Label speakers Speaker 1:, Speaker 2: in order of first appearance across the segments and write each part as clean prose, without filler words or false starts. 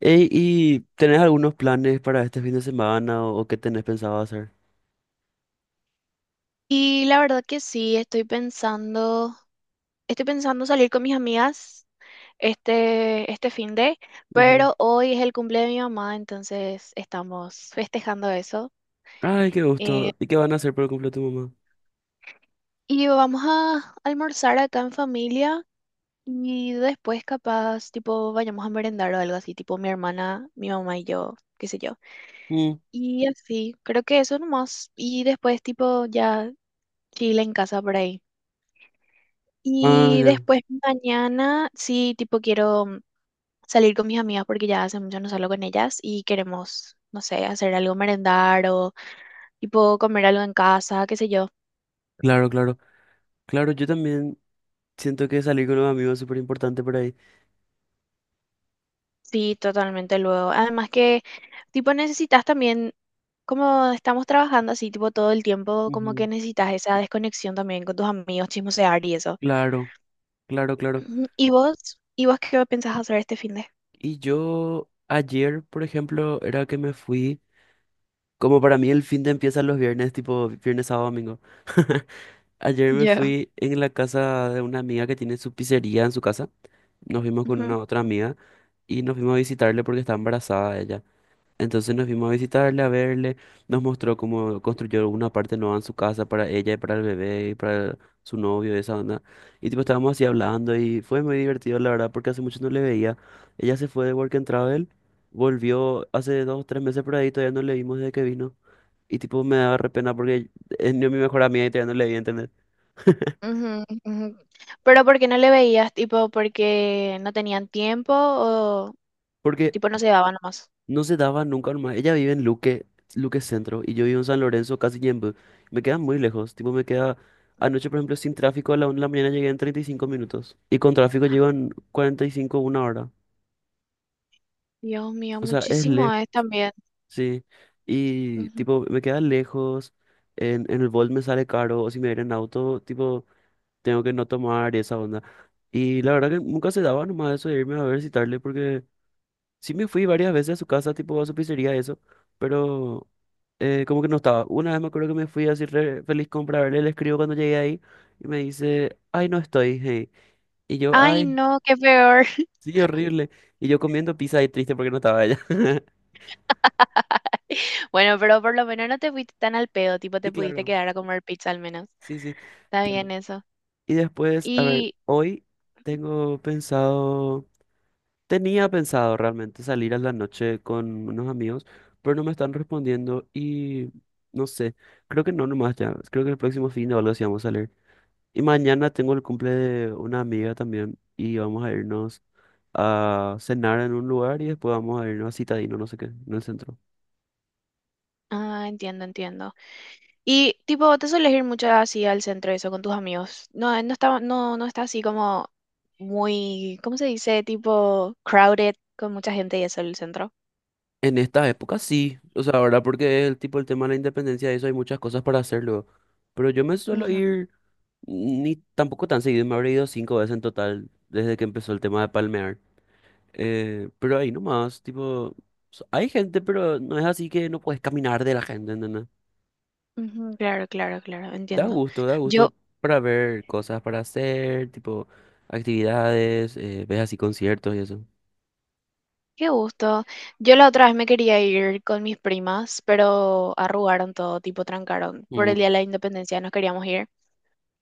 Speaker 1: Ey, ¿y tenés algunos planes para este fin de semana o qué tenés pensado hacer?
Speaker 2: Y la verdad que sí, estoy pensando salir con mis amigas este fin de,
Speaker 1: Ujú.
Speaker 2: pero hoy es el cumple de mi mamá, entonces estamos festejando eso.
Speaker 1: Ay, qué
Speaker 2: Eh,
Speaker 1: gusto. ¿Y qué van a hacer por el cumple de tu mamá?
Speaker 2: y vamos a almorzar acá en familia y después capaz, tipo, vayamos a merendar o algo así, tipo mi hermana, mi mamá y yo, qué sé yo.
Speaker 1: Mm.
Speaker 2: Y así, creo que eso nomás. Y después, tipo, ya chile en casa por ahí.
Speaker 1: Ah,
Speaker 2: Y
Speaker 1: ya.
Speaker 2: después mañana, sí, tipo, quiero salir con mis amigas porque ya hace mucho no salgo con ellas y queremos, no sé, hacer algo merendar o tipo comer algo en casa, qué sé yo.
Speaker 1: Claro, claro. Claro, yo también siento que salir con los amigos es súper importante por ahí.
Speaker 2: Sí, totalmente luego. Además que tipo necesitas también, como estamos trabajando así tipo todo el tiempo, como que
Speaker 1: Ujú.
Speaker 2: necesitas esa desconexión también con tus amigos, chismosear y eso.
Speaker 1: Claro, claro, claro.
Speaker 2: Ujú. ¿Y vos? ¿Y vos qué pensás hacer este fin de?
Speaker 1: Y yo ayer, por ejemplo, era que me fui, como para mí el fin de empieza los viernes, tipo viernes, sábado, domingo. Ayer me
Speaker 2: Ya.
Speaker 1: fui en la casa de una amiga que tiene su pizzería en su casa. Nos vimos con
Speaker 2: Ujú,
Speaker 1: una otra amiga y nos fuimos a visitarle porque está embarazada ella. Entonces nos fuimos a visitarle, a verle, nos mostró cómo construyó una parte nueva en su casa para ella y para el bebé y para su novio y esa onda. Y tipo estábamos así hablando y fue muy divertido la verdad porque hace mucho no le veía. Ella se fue de Work and Travel, volvió hace 2 o 3 meses por ahí, todavía no le vimos desde que vino. Y tipo me daba re pena porque es ni mi mejor amiga y todavía no le vi, ¿entendés?
Speaker 2: ujú, ujú. Pero ¿por qué no le veías? Tipo, ¿porque no tenían tiempo o
Speaker 1: Porque
Speaker 2: tipo no se daban nomás?
Speaker 1: no se daba nunca nomás. Ella vive en Luque, Luque Centro, y yo vivo en San Lorenzo, casi Ñemby. Me queda muy lejos. Tipo, me queda anoche, por ejemplo, sin tráfico a la una de la mañana llegué en 35 minutos. Y con tráfico llego en 45, una hora.
Speaker 2: Dios mío,
Speaker 1: O sea, es
Speaker 2: muchísimo
Speaker 1: lejos,
Speaker 2: es también.
Speaker 1: sí. Y
Speaker 2: Ujú.
Speaker 1: tipo, me queda lejos. En el Bolt me sale caro. O si me voy en auto, tipo, tengo que no tomar y esa onda. Y la verdad que nunca se daba nomás eso de irme a visitarle porque sí me fui varias veces a su casa, tipo, a su pizzería, eso. Pero como que no estaba. Una vez me acuerdo que me fui así re feliz comprarle, le escribo cuando llegué ahí y me dice, ay, no estoy, hey. Y yo,
Speaker 2: Ay,
Speaker 1: ay,
Speaker 2: no, qué peor.
Speaker 1: sí, horrible. Y yo comiendo pizza y triste porque no estaba ella.
Speaker 2: Bueno, pero por lo menos no te fuiste tan al pedo, tipo
Speaker 1: Y
Speaker 2: te pudiste
Speaker 1: claro,
Speaker 2: quedar a comer pizza al menos.
Speaker 1: sí, sí,
Speaker 2: Está
Speaker 1: claro.
Speaker 2: bien eso.
Speaker 1: Y después, a ver,
Speaker 2: Y,
Speaker 1: hoy tengo pensado, tenía pensado realmente salir a la noche con unos amigos, pero no me están respondiendo y no sé, creo que no nomás ya, creo que el próximo fin de algo sí vamos a salir. Y mañana tengo el cumple de una amiga también y vamos a irnos a cenar en un lugar y después vamos a irnos a Citadino, no sé qué, en el centro.
Speaker 2: ah, entiendo, entiendo. Y tipo, ¿vos te sueles ir mucho así al centro y eso con tus amigos? No, no está, no está así como muy, ¿cómo se dice? Tipo crowded con mucha gente y eso el centro.
Speaker 1: En estas épocas sí, o sea, ahora porque el tipo el tema de la independencia y eso hay muchas cosas para hacerlo, pero yo me suelo
Speaker 2: Ujú,
Speaker 1: ir ni tampoco tan seguido, me habré ido 5 veces en total desde que empezó el tema de palmear. Pero ahí nomás, tipo, hay gente, pero no es así que no puedes caminar de la gente, ¿entendés?
Speaker 2: ujú, claro, claro, claro, entiendo.
Speaker 1: Da
Speaker 2: Yo
Speaker 1: gusto para ver cosas para hacer, tipo actividades, ves así conciertos y eso.
Speaker 2: Qué gusto. Yo la otra vez me quería ir con mis primas, pero arrugaron todo, tipo trancaron. Por el
Speaker 1: Mm.
Speaker 2: Día de la Independencia nos queríamos ir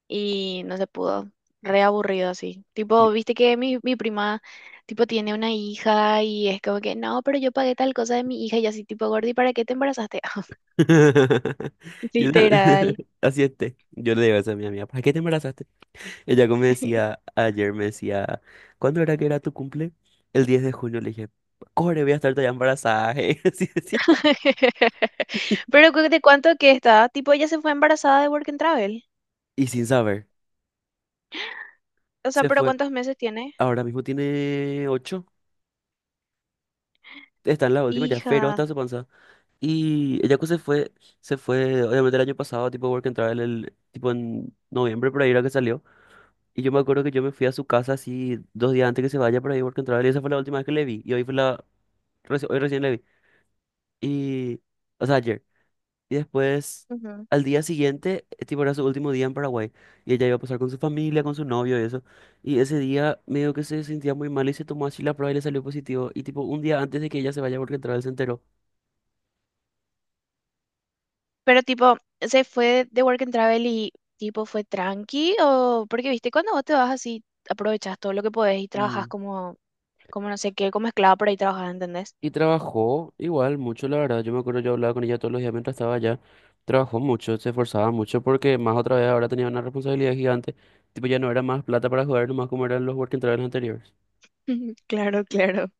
Speaker 2: y no se pudo. Re aburrido así.
Speaker 1: Yo
Speaker 2: Tipo, viste que mi prima, tipo, tiene una hija y es como que, no, pero yo pagué tal cosa de mi hija y yo así, tipo, Gordi, ¿para qué te embarazaste?
Speaker 1: Yo ta-
Speaker 2: Literal.
Speaker 1: así esté. Yo le digo eso a mi amiga, ¿para qué te embarazaste? Ella como me decía ayer, me decía, ¿cuándo era que era tu cumple? El 10 de junio le dije, corre, voy a estar ya embarazada. así decía.
Speaker 2: Pero cu- ¿de cuánto que está? Tipo, ella se fue embarazada de Work and Travel.
Speaker 1: Y sin saber,
Speaker 2: O sea,
Speaker 1: se
Speaker 2: pero
Speaker 1: fue.
Speaker 2: ¿cuántos meses tiene?
Speaker 1: Ahora mismo tiene ocho, está en la última ya, pero
Speaker 2: Hija.
Speaker 1: hasta su panza. Y el Yaku se fue, obviamente el año pasado, tipo Work and Travel, el, tipo en noviembre por ahí era que salió. Y yo me acuerdo que yo me fui a su casa así 2 días antes que se vaya por ahí Work and Travel y esa fue la última vez que le vi. Y hoy fue la, hoy recién le vi. Y, o sea, ayer. Y después, al día siguiente, tipo era su último día en Paraguay. Y ella iba a pasar con su familia, con su novio y eso. Y ese día medio que se sentía muy mal y se tomó así la prueba y le salió positivo. Y tipo un día antes de que ella se vaya a Work and Travel se enteró.
Speaker 2: Pero tipo, ¿se fue de Work and Travel y tipo fue tranqui? O porque viste, cuando vos te vas así, aprovechas todo lo que podés y trabajas como, como no sé qué, como esclava por ahí trabajas, ¿entendés?
Speaker 1: Y trabajó igual mucho, la verdad. Yo me acuerdo, yo hablaba con ella todos los días mientras estaba allá. Trabajó mucho, se esforzaba mucho porque más otra vez ahora tenía una responsabilidad gigante. Tipo, ya no era más plata para jugar, nomás como eran los working travels anteriores.
Speaker 2: Claro, claro.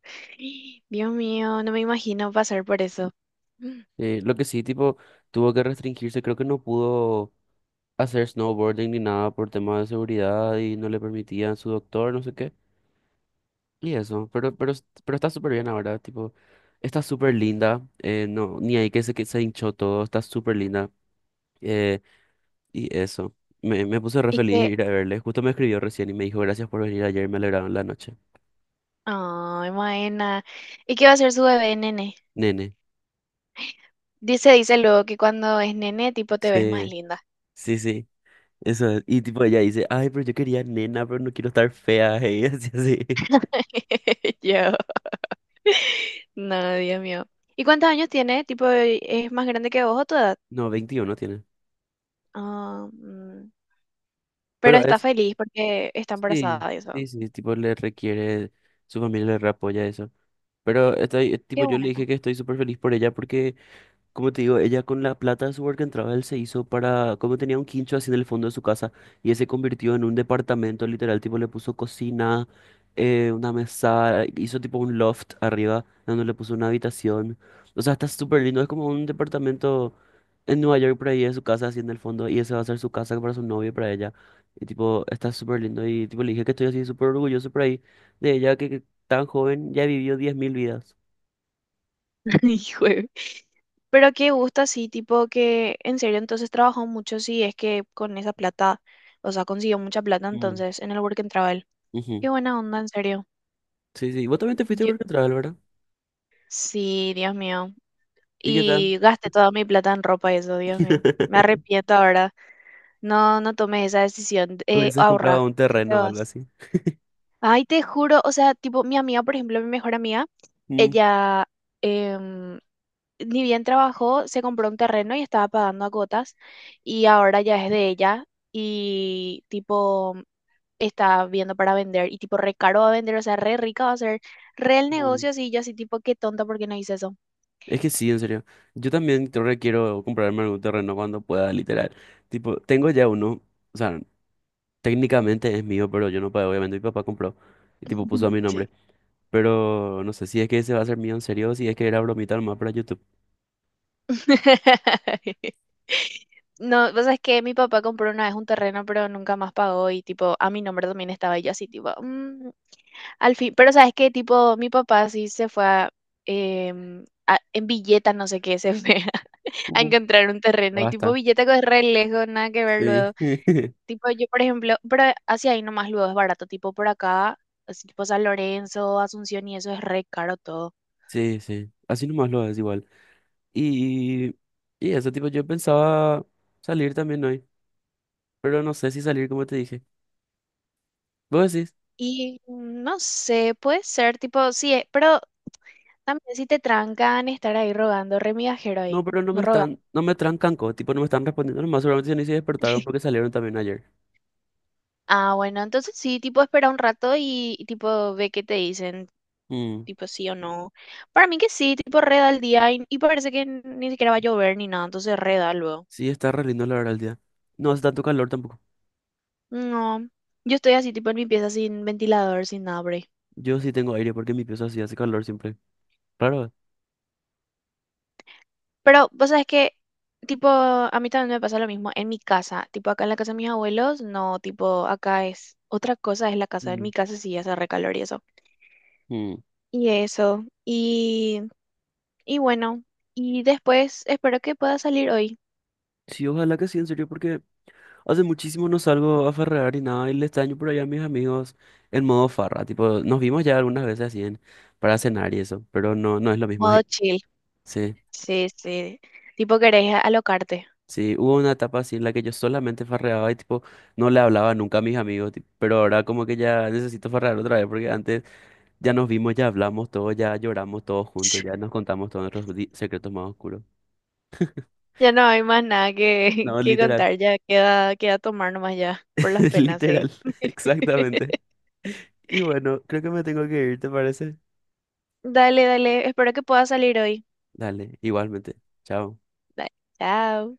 Speaker 2: Dios mío, no me imagino pasar por eso.
Speaker 1: Lo que sí, tipo, tuvo que restringirse. Creo que no pudo hacer snowboarding ni nada por temas de seguridad y no le permitían su doctor, no sé qué. Y eso, pero está súper bien ahora, tipo, está súper linda. No, ni ahí que se, hinchó todo, está súper linda. Eh, Y eso, me puse re
Speaker 2: Y
Speaker 1: feliz
Speaker 2: que,
Speaker 1: ir a verle. Justo me escribió recién y me dijo, gracias por venir ayer, me alegraron la noche.
Speaker 2: ay, Maena, ¿y qué va a ser su bebé, nene?
Speaker 1: Nene.
Speaker 2: Dice, dice luego que cuando es nene, tipo, te ves más
Speaker 1: Sí,
Speaker 2: linda.
Speaker 1: sí, sí. Eso es. Y tipo ella dice, ay, pero yo quería nena, pero no quiero estar fea. Y así, así.
Speaker 2: Yo. No, Dios mío. ¿Y cuántos años tiene? Tipo, ¿es más grande que vos o toda?
Speaker 1: No, 21 tiene.
Speaker 2: Ah, mm. Pero
Speaker 1: Pero
Speaker 2: está
Speaker 1: es,
Speaker 2: feliz porque está
Speaker 1: sí,
Speaker 2: embarazada y eso.
Speaker 1: sí, sí, tipo le requiere, su familia le re apoya eso. Pero estoy, tipo,
Speaker 2: Qué
Speaker 1: yo le dije
Speaker 2: bueno.
Speaker 1: que estoy súper feliz por ella porque, como te digo, ella con la plata de su work and travel se hizo para, como tenía un quincho así en el fondo de su casa y ese convirtió en un departamento literal, tipo le puso cocina, una mesa, hizo tipo un loft arriba donde le puso una habitación. O sea, está súper lindo, es como un departamento en Nueva York por ahí de su casa así en el fondo y ese va a ser su casa para su novio y para ella. Y tipo, está súper lindo y tipo le dije que estoy así súper orgulloso por ahí de ella, que tan joven ya vivió 10.000 vidas.
Speaker 2: Hijo de- Pero qué gusto, sí, tipo que en serio entonces trabajó mucho, sí, es que con esa plata, o sea, consiguió mucha plata
Speaker 1: Mm,
Speaker 2: entonces en el Work and Travel.
Speaker 1: ujú.
Speaker 2: Qué buena onda, en serio.
Speaker 1: Sí, sí, vos también te fuiste a
Speaker 2: Yo,
Speaker 1: work and travel, ¿verdad?
Speaker 2: sí, Dios mío.
Speaker 1: ¿Y qué tal?
Speaker 2: Y gasté toda mi plata en ropa y eso, Dios mío. Me arrepiento ahora. No, no tomes esa decisión.
Speaker 1: Hubieses comprado
Speaker 2: Ahorra,
Speaker 1: un
Speaker 2: si te
Speaker 1: terreno o algo
Speaker 2: vas.
Speaker 1: así.
Speaker 2: Ay, te juro, o sea, tipo, mi amiga, por ejemplo, mi mejor amiga,
Speaker 1: Mm,
Speaker 2: ella, em, ni bien trabajó, se compró un terreno y estaba pagando a cuotas y ahora ya es de ella y tipo está viendo para vender y tipo re caro va a vender, o sea, re rica va a ser, re el
Speaker 1: mm.
Speaker 2: negocio así, y yo así tipo, qué tonta porque no hice eso.
Speaker 1: Es que sí, en serio. Yo también creo que quiero comprarme algún terreno cuando pueda, literal. Tipo, tengo ya uno. O sea, técnicamente es mío, pero yo no pagué. Obviamente mi papá compró. Y tipo, puso a mi
Speaker 2: Sí.
Speaker 1: nombre. Pero no sé si es que ese va a ser mío en serio o si es que era bromita nomás para YouTube.
Speaker 2: No, pues es que mi papá compró una vez un terreno, pero nunca más pagó y tipo, a mi nombre también estaba y yo así tipo, "Mm". Al fin, pero sabes que tipo, mi papá sí se fue a, en billetas, no sé qué, se fue a
Speaker 1: Mm.
Speaker 2: encontrar un terreno. Y tipo,
Speaker 1: Basta.
Speaker 2: Villetaco es re lejos, nada que ver
Speaker 1: Sí.
Speaker 2: luego. Tipo, yo, por ejemplo, pero hacia ahí nomás luego es barato. Tipo, por acá, así tipo San Lorenzo, Asunción y eso es re caro todo.
Speaker 1: Sí, sí. Así nomás lo es igual. Y, y eso, tipo, yo pensaba salir también hoy. Pero no sé si salir como te dije. Vos decís,
Speaker 2: Y no sé, puede ser, tipo, sí, pero también si te trancan estar ahí rogando, re migajero
Speaker 1: no,
Speaker 2: ahí,
Speaker 1: pero no
Speaker 2: no
Speaker 1: me
Speaker 2: roga.
Speaker 1: están, no me trancanco, tipo, no me están respondiendo nomás, seguramente ya ni se despertaron porque salieron también ayer.
Speaker 2: Ah, bueno, entonces sí, tipo, espera un rato y, tipo, ve qué te dicen,
Speaker 1: Mm,
Speaker 2: tipo, sí o no. Para mí que sí, tipo, reda el día y parece que ni siquiera va a llover ni nada, entonces reda luego.
Speaker 1: sí, está re lindo la verdad el día. No hace tanto calor tampoco.
Speaker 2: No, yo estoy así, tipo en mi pieza sin ventilador, sin nada por ahí.
Speaker 1: Yo sí tengo aire porque mi pieza sí hace calor siempre. Claro.
Speaker 2: Pero vos sabés que, tipo, a mí también me pasa lo mismo en mi casa. Tipo, acá en la casa de mis abuelos, no, tipo, acá es otra cosa, es la casa. En
Speaker 1: Mm,
Speaker 2: mi casa sí hace recalor y eso.
Speaker 1: mm.
Speaker 2: Y eso. Y bueno, y después espero que pueda salir hoy.
Speaker 1: Sí, ojalá que sí, en serio, porque hace muchísimo no salgo a farrear y nada, y le extraño por allá a mis amigos en modo farra. Tipo, nos vimos ya algunas veces así en, para cenar y eso, pero no, no es lo mismo.
Speaker 2: Modo chill.
Speaker 1: Sí.
Speaker 2: Sí, sí. Tipo, querés alocarte.
Speaker 1: Sí, hubo una etapa así en la que yo solamente farreaba y tipo no le hablaba nunca a mis amigos, tipo, pero ahora como que ya necesito farrear otra vez porque antes ya nos vimos, ya hablamos todos, ya lloramos todos juntos, ya nos contamos todos nuestros secretos más oscuros.
Speaker 2: Ya no hay más nada que,
Speaker 1: No,
Speaker 2: que
Speaker 1: literal,
Speaker 2: contar, ya queda, queda tomar nomás ya, por las penas, sí.
Speaker 1: literal, exactamente. Y bueno, creo que me tengo que ir, ¿te parece?
Speaker 2: Dale, dale. Espero que pueda salir hoy.
Speaker 1: Dale, igualmente. Chao.
Speaker 2: Dale, chao.